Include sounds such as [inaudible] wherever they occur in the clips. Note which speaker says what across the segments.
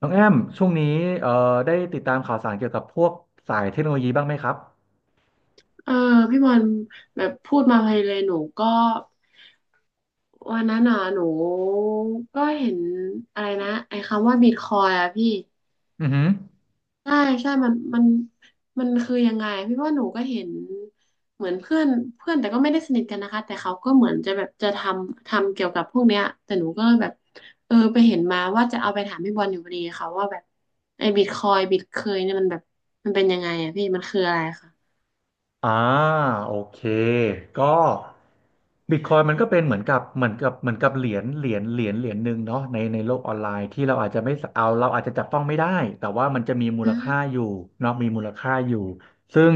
Speaker 1: น้องแอมช่วงนี้เอ่อได้ติดตามข่าวสารเกี่ยวกับพวกสายเทคโนโลยีบ้างไหมครับ
Speaker 2: เออพี่บอลแบบพูดมาไพเลยหนูก็วันนั้นน่ะหนูก็เห็นอะไรนะไอ้คำว่าบิตคอยอะพี่
Speaker 1: อือหือ
Speaker 2: ใช่ใช่มันมันคือยังไงพี่ว่าหนูก็เห็นเหมือนเพื่อนแต่ก็ไม่ได้สนิทกันนะคะแต่เขาก็เหมือนจะแบบจะทำเกี่ยวกับพวกเนี้ยแต่หนูก็แบบเออไปเห็นมาว่าจะเอาไปถามพี่บอลอยู่พอดีค่ะว่าแบบไอ้บิตคอยบิตเคยเนี่ยมันแบบมันเป็นยังไงอะพี่มันคืออะไรคะ
Speaker 1: อ่าโอเคก็บิตคอยมันก็เป็นเหมือนกับเหรียญหนึ่งเนาะในโลกออนไลน์ที่เราอาจจะไม่เอาเราอาจจะจับต้องไม่ได้แต่ว่ามันจะมีมู
Speaker 2: อื
Speaker 1: ล
Speaker 2: ม
Speaker 1: ค่าอยู่เนาะมีมูลค่าอยู่ซึ่ง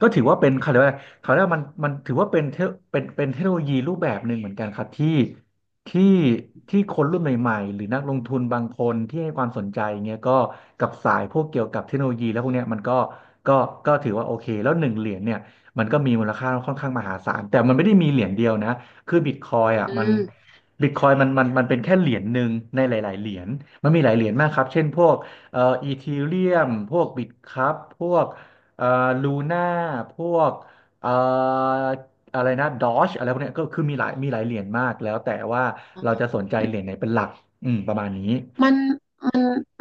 Speaker 1: ก็ถือว่าเป็นเขาเรียกว่าเขาเรียกว่ามันถือว่าเป็นเป็นเทคโนโลยีรูปแบบหนึ่งเหมือนกันครับที่ที่คนรุ่นใหม่ๆหรือนักลงทุนบางคนที่ให้ความสนใจเงี้ยก็กับสายพวกเกี่ยวกับเทคโนโลยีแล้วพวกเนี้ยมันก็ก็ก็ถือว่าโอเคแล้วหนึ่งเหรียญเนี่ยมันก็มีมูลค่าค่อนข้างมหาศาลแต่มันไม่ได้มีเหรียญเดียวนะคือบิตคอยอ่ะ
Speaker 2: อื
Speaker 1: มัน
Speaker 2: ม
Speaker 1: บิตคอยมันเป็นแค่เหรียญหนึ่งในหลายๆเหรียญมันมีหลายเหรียญมากครับเช่นพวกอีทีเรียมพวกบิตครับพวกเอ่อลูน่าพวกเอ่อ อะไรนะดอชอะไรพวกเนี้ยก็คือมีหลายเหรียญมากแล้วแต่ว่าเราจะสนใจเหรียญไหนเป็นหลักอืมประมาณนี้
Speaker 2: มัน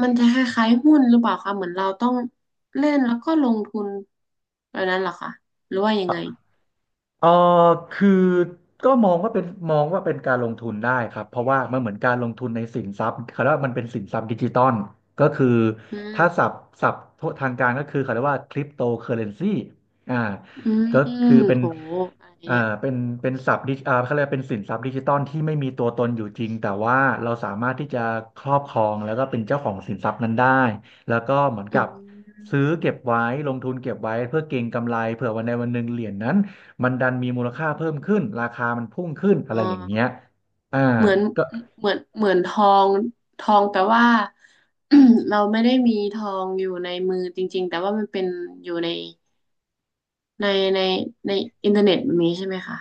Speaker 2: มันจะคล้ายๆหุ้นหรือเปล่าคะเหมือนเราต้องเล่นแล้วก็ลงทุนแบบนั้นเหรอคะหรือว่ายังไง
Speaker 1: เออคือก็มองว่าเป็นการลงทุนได้ครับ เพราะว่ามันเหมือนการลงทุนในสินทรัพย์เขาเรียกว่ามันเป็นสินทรัพย์ดิจิตอลก็คือ
Speaker 2: อื
Speaker 1: ถ้า
Speaker 2: ม
Speaker 1: ศัพท์ทางการก็คือเขาเรียกว่าคริปโตเคอเรนซีอ่า
Speaker 2: อื
Speaker 1: ก็คือ
Speaker 2: ม
Speaker 1: เป็น
Speaker 2: โหอะไร
Speaker 1: อ่า
Speaker 2: เนี่ย
Speaker 1: เป็นศัพท์ดิอ่าเขาเรียกว่าเป็นสินทรัพย์ดิจิตอลที่ไม่มีตัวตนอยู่จริงแต่ว่าเราสามารถที่จะครอบครองแล้วก็เป็นเจ้าของสินทรัพย์นั้นได้แล้วก็เหมือน
Speaker 2: อื
Speaker 1: กับ
Speaker 2: ม
Speaker 1: ซื้อเก็บไว้ลงทุนเก็บไว้เพื่อเก็งกำไรเผื่อวันใดวันหนึ่งเหรียญนั้น มันดันมีมูลค่าเพิ่มขึ้นราคามันพุ่งขึ้นอะ
Speaker 2: อ่
Speaker 1: ไรอย่างเงี้ย
Speaker 2: า
Speaker 1: อ่า
Speaker 2: เหมือน
Speaker 1: ก็
Speaker 2: เหมือนทองทองแต่ว่า [clears throat] เราไม่ได้มีทองอยู่ในมือจริงๆแต่ว่ามันเป็นอยู่ในในในอินเทอร์เน็ตแบบนี้ใช่ไหมคะ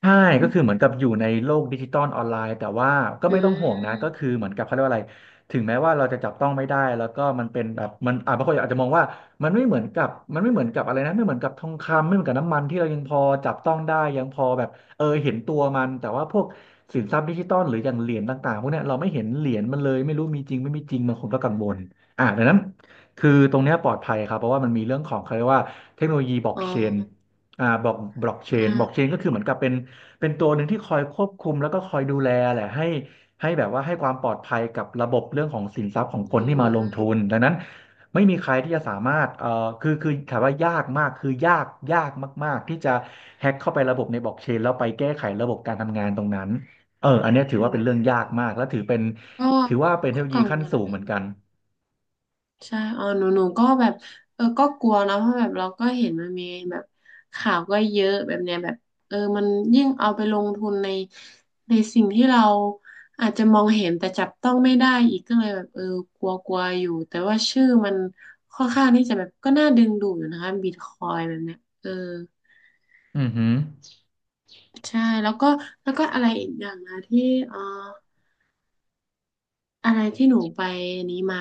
Speaker 1: ใช่ก็คือเหมือนกับอยู่ในโลกดิจิตอลออนไลน์แต่ว่าก็
Speaker 2: อื
Speaker 1: ไม่ต้องห่วงนะก็
Speaker 2: ม
Speaker 1: คือเหมือนกับเขาเรียกว่าอะไรถึงแม้ว่าเราจะจับต้องไม่ได้แล้วก็มันเป็นแบบมันอ่าบางคนอาจจะมองว่ามันไม่เหมือนกับมันไม่เหมือนกับอะไรนะไม่เหมือนกับทองคำไม่เหมือนกับน้ำมันที่เรายังพอจับต้องได้ยังพอแบบเออเห็นตัวมันแต่ว่าพวกสินทรัพย์ดิจิตอลหรืออย่างเหรียญต่างๆพวกเนี้ยเราไม่เห็นเหรียญมันเลยไม่รู้มีจริงไม่มีจริงบางคนก็กังวลอ่าดังนั้นคือตรงเนี้ยปลอดภัยครับเพราะว่ามันมีเรื่องของเขาเรียกว่าเทคโนโลยีบล็อก
Speaker 2: อ๋อ
Speaker 1: เชนอ่าบล็อกเชน
Speaker 2: อ่า
Speaker 1: ก็คือเหมือนกับเป็น เป็นตัวหนึ่งที่คอยควบคุมแล้วก็คอยดูแลแหละให้แบบว่าให้ความปลอดภัยกับระบบเรื่องของสินทรัพย์ของ
Speaker 2: อื
Speaker 1: คนที่มาลงทุน
Speaker 2: ม
Speaker 1: ดังนั้นไม่มีใครที่จะสามารถคือคือถามว่ายากมากคือยากยากมากๆที่จะแฮ็กเข้าไประบบในบล็อกเชนแล้วไปแก้ไขระบบการทำงานตรงนั้นเอออันเนี้ยถือว่าเป็นเรื่องยากมากและถือเป็น
Speaker 2: โอ้
Speaker 1: ว่าเป็นเท
Speaker 2: ก็
Speaker 1: ค
Speaker 2: ก็
Speaker 1: โนโลยี
Speaker 2: กัง
Speaker 1: ขั้น
Speaker 2: วล
Speaker 1: สูงเหมือนกัน
Speaker 2: ใช่เออหนูก็แบบเออก็กลัวนะเพราะแบบเราก็เห็นมันมีแบบข่าวก็เยอะแบบเนี้ยแบบเออมันยิ่งเอาไปลงทุนในสิ่งที่เราอาจจะมองเห็นแต่จับต้องไม่ได้อีกก็เลยแบบเออกลัวกลัวอยู่แต่ว่าชื่อมันค่อนข้างที่จะแบบก็น่าดึงดูดอยู่นะคะบิตคอยแบบเนี้ยเออ
Speaker 1: อือหือ
Speaker 2: ใช่แล้วก็แล้วก็อะไรอีกอย่างนะที่เอออะไรที่หนูไปนี้มา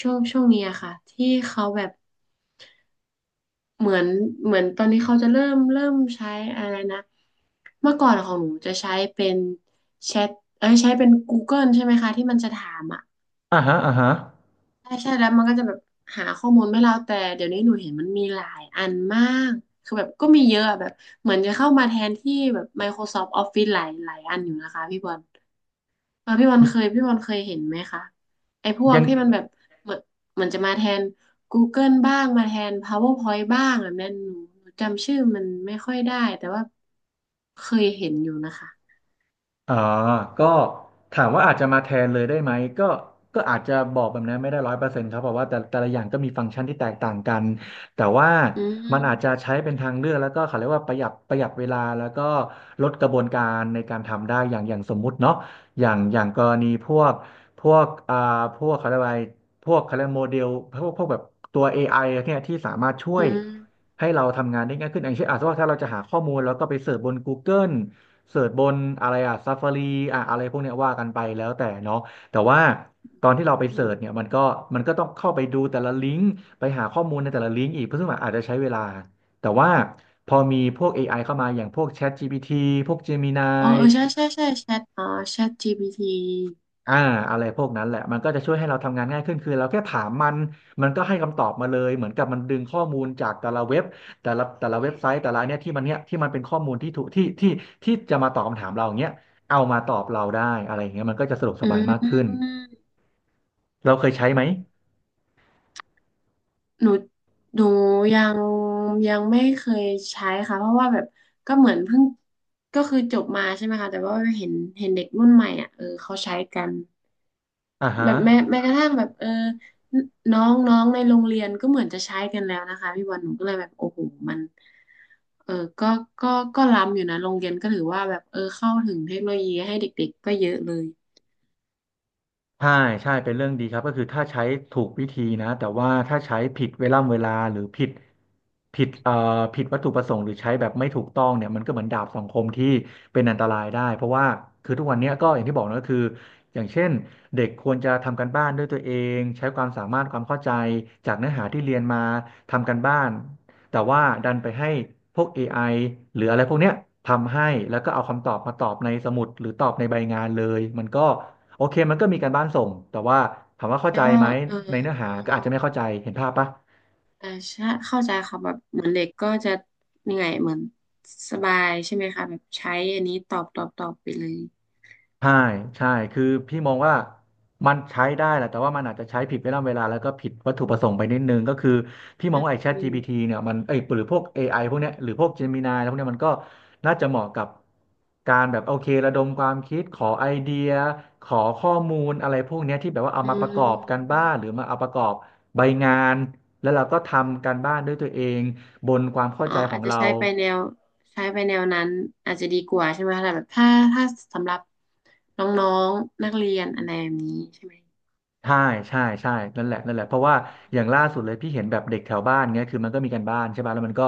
Speaker 2: ช่วงนี้อะค่ะที่เขาแบบ เหมือนเหมือนตอนนี้เขาจะเริ่มใช้อะไรนะเมื่อก่อนของหนูจะใช้เป็นแชทเอ้ยใช้เป็น Google ใช่ไหมคะที่มันจะถามอ่ะ
Speaker 1: อ่าฮะอ่าฮะ
Speaker 2: ใช่ใช่แล้วมันก็จะแบบหาข้อมูลให้เราแต่เดี๋ยวนี้หนูเห็นมันมีหลายอันมากคือแบบก็มีเยอะอะแบบเหมือนจะเข้ามาแทนที่แบบ Microsoft Office หลายหลายอันอยู่นะคะพี่บอล พี่บอลเคยเห็นไหมคะไอ้พวก
Speaker 1: ยัง
Speaker 2: ที่มันแบบเหมือนเหมือนจะมาแทน Google บ้างมาแทน PowerPoint บ้างแบบนั้นหนูจำชื่อมันไม่ค่อยได้แต่ว่าเคยเห็นอยู่นะคะ
Speaker 1: อ่าก็ถามว่าอาจจะมาแทนเลยได้ไหมก็อาจจะบอกแบบนั้นไม่ได้ร้อยเปอร์เซ็นต์ครับเพราะว่าแต่ละอย่างก็มีฟังก์ชันที่แตกต่างกัน แต่ว่า
Speaker 2: อื
Speaker 1: มันอาจจะ
Speaker 2: ม
Speaker 1: ใช้เป็นทางเลือกแล้วก็เขาเรียกว่าประหยัดเวลาแล้วก็ลดกระบวนการในการทำได้อย่างอย่างสมมุติเนาะอย่างกรณีพวกพวกอ่าพวกเขาเรียกว่าอะไรพวกเขาเรียกโมเดลพวกแบบตัว AI เนี่ยที่สามารถช่ว
Speaker 2: อื
Speaker 1: ย
Speaker 2: ม
Speaker 1: ให้เราทำงานได้ง่ายขึ้นอย่างเช่นอาจจะว่าถ้าเราจะหาข้อมูลแล้วก็ไปเสิร์ชบน Google เสิร์ชบนอะไรอะซัฟฟารีอะอะไรพวกเนี้ยว่ากันไปแล้วแต่เนาะแต่ว่าตอนที่เราไป
Speaker 2: อ
Speaker 1: เสิร์ชเนี่
Speaker 2: ม
Speaker 1: ยมันก็ต้องเข้าไปดูแต่ละลิงก์ไปหาข้อมูลในแต่ละลิงก์อีกเพราะซึ่งมันอาจจะใช้เวลาแต่ว่าพอมีพวก AI เข้ามาอย่างพวก ChatGPT พวก Gemini
Speaker 2: อ๋อเออใช่แชทอ๋อแชท GPT
Speaker 1: อ่าอะไรพวกนั้นแหละมันก็จะช่วยให้เราทำงานง่ายขึ้นคือเราแค่ถามมันมันก็ให้คำตอบมาเลยเหมือนกับมันดึงข้อมูลจากแต่ละเว็บแต่ละเว็บไซต์แต่ละอันเนี่ยที่มันเป็นข้อมูลที่ถูกที่ที่จะมาตอบคำถามเราอย่างเงี้ยเอามาตอบเราได้อะไรอย่างเงี้ยมันก็จะสะดวกส
Speaker 2: อื
Speaker 1: บายมากขึ้น
Speaker 2: ม
Speaker 1: เราเคยใช้ไหม
Speaker 2: หนูหนูยังยังไม่เคยใช้ค่ะเพราะว่าแบบก็เหมือนเพิ่งก็คือจบมาใช่ไหมคะแต่ว่าเห็นเห็นเด็กรุ่นใหม่อ่ะเออเขาใช้กัน
Speaker 1: อ่า
Speaker 2: แบ
Speaker 1: ฮะ
Speaker 2: บแม้กระทั่งแบบเออน้องน้องในโรงเรียนก็เหมือนจะใช้กันแล้วนะคะพี่บอลหนูก็เลยแบบโอ้โหมันเออก็ก็ก็ล้ำอยู่นะโรงเรียนก็ถือว่าแบบเออเข้าถึงเทคโนโลยีให้เด็กๆก็เยอะเลย
Speaker 1: ใช่ใช่เป็นเรื่องดีครับก็คือถ้าใช้ถูกวิธีนะแต่ว่าถ้าใช้ผิดเวลาหรือผิดผิดวัตถุประสงค์หรือใช้แบบไม่ถูกต้องเนี่ยมันก็เหมือนดาบสองคมที่เป็นอันตรายได้เพราะว่าคือทุกวันเนี้ยก็อย่างที่บอกนะก็คืออย่างเช่นเด็กควรจะทำการบ้านด้วยตัวเองใช้ความสามารถความเข้าใจจากเนื้อหาที่เรียนมาทำการบ้านแต่ว่าดันไปให้พวก ไอหรืออะไรพวกเนี้ยทำให้แล้วก็เอาคำตอบมาตอบในสมุดหรือตอบในใบงานเลยมันก็ โอเคมันก็มีการบ้านส่ง แต่ว่าถามว่าเข้า
Speaker 2: แล้
Speaker 1: ใจ
Speaker 2: วก็
Speaker 1: ไหม
Speaker 2: เออ
Speaker 1: ในเนื้อ
Speaker 2: อ๋อ
Speaker 1: หาก็อาจจะไม่เข้าใจ เห็นภาพปะ
Speaker 2: เใช่เข้าใจค่ะแบบเหมือนเด็กก็จะยังไงเหมือนสบายใช่ไหมคะแบบใช้อันนี้ตอบไปเลย
Speaker 1: ใช่ใช่คือพี่มองว่ามันใช้ได้แหละแต่ว่ามันอาจจะใช้ผิดเวลาแล้วก็ผิดวัตถุประสงค์ไปนิดนึงก็คือพี่ม
Speaker 2: อ
Speaker 1: องว่าไอ้
Speaker 2: ื
Speaker 1: ChatGPT
Speaker 2: ม
Speaker 1: เนี่ยมันไอ้ยหรือพวก AI พวกเนี้ยหรือพวก Gemini แล้วพวกเนี้ยมันก็น่าจะเหมาะกับการแบบโอเคระดมความคิดขอไอเดียขอข้อมูลอะไรพวกเนี้ยที่แบบว่าเอา
Speaker 2: อื
Speaker 1: มาประกอบกันบ้านหรื
Speaker 2: ม
Speaker 1: อมาเอาประกอบใบงานแล้วเราก็ทำการบ้านด้วยตัวเองบนความเข้า
Speaker 2: อ่า
Speaker 1: ใจขอ
Speaker 2: อาจ
Speaker 1: ง
Speaker 2: จะ
Speaker 1: เรา
Speaker 2: ใช้ไปแนวใช้ไปแนวนั้นอาจจะดีกว่าใช่ไหมคะแต่แบบถ้าสำหรับน้องๆนักเรียนอะไรแบบนี้ใช่ไหม
Speaker 1: ใช่ใช่ใช่นั่นแหละนั่นแหละ เพราะว่าอย่างล่าสุดเลยพี่เห็นแบบเด็กแถวบ้านเงี้ยคือมันก็มีการบ้านใช่ป่ะแล้วมันก็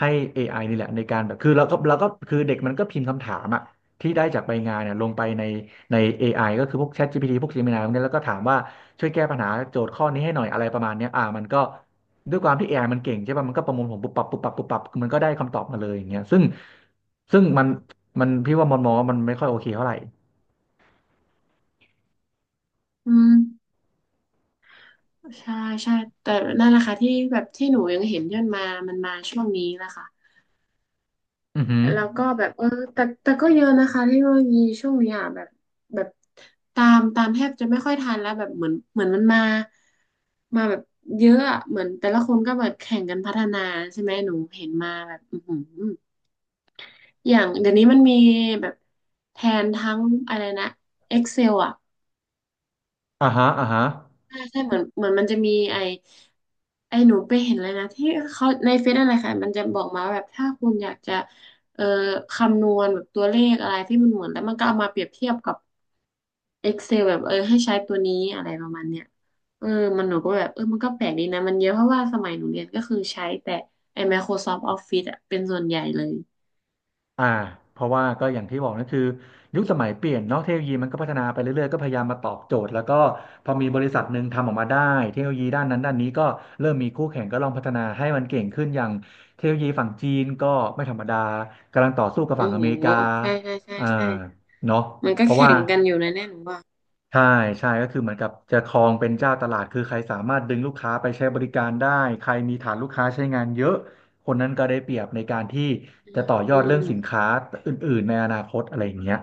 Speaker 1: ให้ AI นี่แหละในการแบบคือเราก็คือเด็กมันก็พิมพ์คำถามอะที่ได้จากใบงานเนี่ยลงไปใน AI ก็คือพวก ChatGPT พวก Gemini พวกเนี้ยแล้วก็ถามว่าช่วยแก้ปัญหาโจทย์ข้อนี้ให้หน่อยอะไรประมาณเนี้ยมันก็ด้วยความที่ AI มันเก่งใช่ป่ะมันก็ประมวลผลปุ๊บปับปุ๊บปับปุ๊บปับมันก็ได้คำตอบมาเลยอย่างเงี้ยซึ่งมันพี่ว่ามันมองว่ามันไม่ค่อยโอเคเท่าไหร่
Speaker 2: อืมใช่ใช่แต่นั่นแหละค่ะที่แบบที่หนูยังเห็นย่นมามันมาช่วงนี้แะค่ะ
Speaker 1: อือหือ
Speaker 2: แล้วก็แบบเออแต่ก็เยอะนะคะเทคโนโลยีช่วงนี้อ่ะแบบแบบตามแทบจะไม่ค่อยทันแล้วแบบเหมือนมันมามาแบบเยอะอะเหมือนแต่ละคนก็แบบแข่งกันพัฒนาใช่ไหมหนูเห็นมาแบบอือหือ อย่างเดี๋ยวนี้มันมีแบบแทนทั้งอะไรนะ Excel อ่ะ
Speaker 1: อ่าฮะ
Speaker 2: ใช่เหมือนมันจะมีไอหนูไปเห็นเลยนะที่เขาในเฟซอะไรค่ะมันจะบอกมาแบบถ้าคุณอยากจะเอ่อคำนวณแบบตัวเลขอะไรที่มันเหมือนแล้วมันก็เอามาเปรียบเทียบกับ Excel แบบเออให้ใช้ตัวนี้อะไรประมาณเนี้ยเออมันหนูก็แบบเออมันก็แปลกดีนะมันเยอะเพราะว่าสมัยหนูเรียนก็คือใช้แต่ไอ Microsoft Office อะเป็นส่วนใหญ่เลย
Speaker 1: อ่าเพราะว่าก็อย่างที่บอกนั่นคือยุคสมัยเปลี่ยนเนาะเทคโนโลยีมันก็พัฒนาไปเรื่อยๆก็พยายามมาตอบโจทย์แล้วก็พอมีบริษัทหนึ่งทำออกมาได้เทคโนโลยีด้านนั้นด้านนี้ก็เริ่มมีคู่แข่งก็ลองพัฒนาให้มันเก่งขึ้นอย่างเทคโนโลยีฝั่งจีนก็ไม่ธรรมดากำลังต่อสู้กับฝั่
Speaker 2: โอ้
Speaker 1: งอ
Speaker 2: โห
Speaker 1: เมริกา
Speaker 2: ใช่ใช่ใช่
Speaker 1: อ่า
Speaker 2: ใช่
Speaker 1: เนาะ
Speaker 2: มันก็
Speaker 1: เพราะ
Speaker 2: แข่
Speaker 1: ว่า
Speaker 2: งกันอยู่นะเนี่ยหนูว่า
Speaker 1: ใช่ใช่ก็คือเหมือนกับจะครองเป็นเจ้าตลาดคือใครสามารถดึงลูกค้าไปใช้บริการได้ใครมีฐานลูกค้าใช้งานเยอะคนนั้นก็ได้เปรียบในการที่
Speaker 2: อื
Speaker 1: จะ
Speaker 2: ม
Speaker 1: ต่อยอ
Speaker 2: อื
Speaker 1: ดเรื่องสิน
Speaker 2: ม
Speaker 1: ค้าอื่นๆในอนาคตอะไรอย่างเงี้ย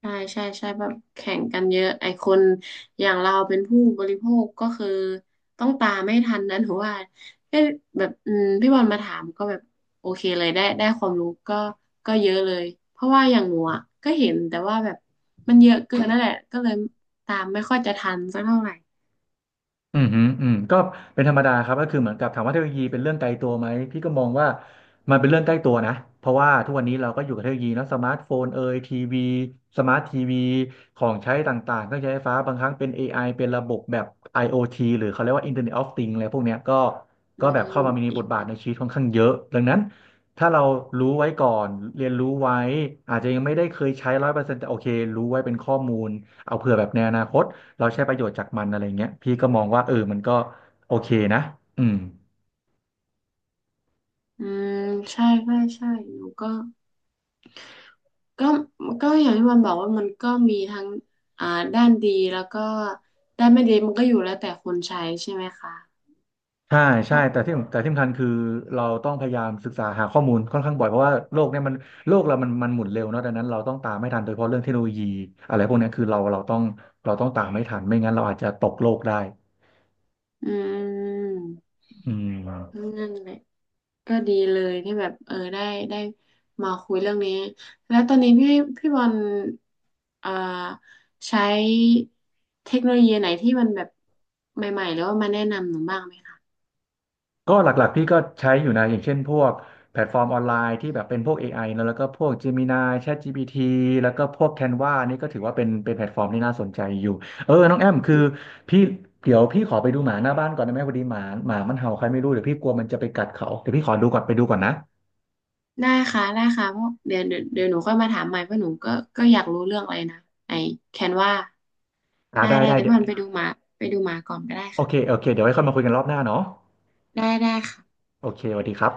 Speaker 2: ใช่แบบแข่งกันเยอะไอคนอย่างเราเป็นผู้บริโภคก็คือต้องตามไม่ทันนะหนูว่าก็แบบอืมพี่บอลมาถามก็แบบโอเคเลยได้ได้ความรู้ก็ก็เยอะเลยเพราะว่าอย่างหนูอ่ะก็เห็นแต่ว่าแบบมันเยอะเกินนั่นแหละก็เลยตามไม่ค่อยจะทันสักเท่าไหร่
Speaker 1: อืมฮึอืมก็เป็นธรรมดาครับก็คือเหมือนกับถามว่าเทคโนโลยีเป็นเรื่องไกลตัวไหม พี่ก็มองว่ามันเป็นเรื่องใกล้ตัวนะ เพราะว่าทุกวันนี้เราก็อยู่กับเทคโนโลยีเนอะสมาร์ทโฟนเอยทีวีสมาร์ททีวีของใช้ต่างๆเครื่องใช้ไฟฟ้าบางครั้งเป็น AI เป็นระบบแบบ IoT หรือเขาเรียกว่า Internet of Things อะไรพวกเนี้ยก็
Speaker 2: อื
Speaker 1: ก็แบบเข้า
Speaker 2: ม
Speaker 1: มามี
Speaker 2: อิ
Speaker 1: บท
Speaker 2: นเท
Speaker 1: บา
Speaker 2: อ
Speaker 1: ท
Speaker 2: ร์
Speaker 1: ใน
Speaker 2: เน็ต
Speaker 1: ชีวิตค่อนข้างเยอะดังนั้นถ้าเรารู้ไว้ก่อนเรียนรู้ไว้อาจจะยังไม่ได้เคยใช้ร้อยเปอร์เซ็นต์แต่โอเครู้ไว้เป็นข้อมูลเอาเผื่อแบบในอนาคต เราใช้ประโยชน์จากมันอะไรเงี้ยพี่ก็มองว่าเออมันก็โอเคนะอืม
Speaker 2: อืมใช่หนูก็ ก็ก็อย่างที่มันบอกว่ามันก็มีทั้งอ่าด้านดีแล้วก็ด้านไม่ดีมันก็อยู่แล้วแต่คนใช้ใช่ไหมคะ
Speaker 1: ใช่ใช่
Speaker 2: ก็
Speaker 1: แต่ที่สำคัญคือเราต้องพยายามศึกษาหาข้อมูลค่อนข้างบ่อยเพราะว่าโลกเนี่ยมันโลกเรามันหมุนเร็วเนาะดังนั้นเราต้องตามไม่ทันโดยเฉพาะเรื่องเทคโนโลยีอะไรพวกเนี้ยคือเราต้องเราต้องตามไม่ทันไม่งั้นเราอาจจะตกโลกได้
Speaker 2: อืม
Speaker 1: อืม
Speaker 2: นั่นแหละก็ดีเลยที่แบบเออได้ได้มาคุยเรื่องนี้แล้วตอนนี้พี่บอลอ่าใช้เทคโนโลยีไหนที่มันแบบใหม่ๆหรือว่ามาแนะนำหนูบ้างไหมคะ
Speaker 1: ก็หลักๆพี่ก็ใช้อยู่นะอย่างเช่นพวกแพลตฟอร์มออนไลน์ที่แบบเป็นพวก AI แล้วก็พวก Gemini ChatGPT แล้วก็พวก Canva นี่ก็ถือว่าเป็นแพลตฟอร์มที่น่าสนใจอยู่เออน้องแอมคือ
Speaker 2: อืม
Speaker 1: พี่เดี๋ยวพี่ขอไปดูหมาหน้าบ้านก่อนได้ไหมพอดีหมามันเห่าใครไม่รู้เดี๋ยวพี่กลัวมันจะไปกัดเขาเดี๋ยวพี่ขอดูก่อนไปดูก่อนนะ
Speaker 2: ได้ค่ะได้ค่ะเพราะเดี๋ยวหนูค่อยมาถามใหม่เพราะหนูก็ก็อยากรู้เรื่องอะไรนะไอ้แคนวา
Speaker 1: อ่า
Speaker 2: ได้
Speaker 1: ได้
Speaker 2: ได้
Speaker 1: ได้
Speaker 2: เดี๋ยว
Speaker 1: เดี๋
Speaker 2: พี่
Speaker 1: ยว
Speaker 2: บอลไปดูหมาไปดูหมาก่อนก็ได้
Speaker 1: โอ
Speaker 2: ค่ะ
Speaker 1: เคโอเคเดี๋ยวไว้ค่อยมาคุยกันรอบหน้าเนาะ
Speaker 2: ได้ค่ะ
Speaker 1: โอเคสวัสดีครับ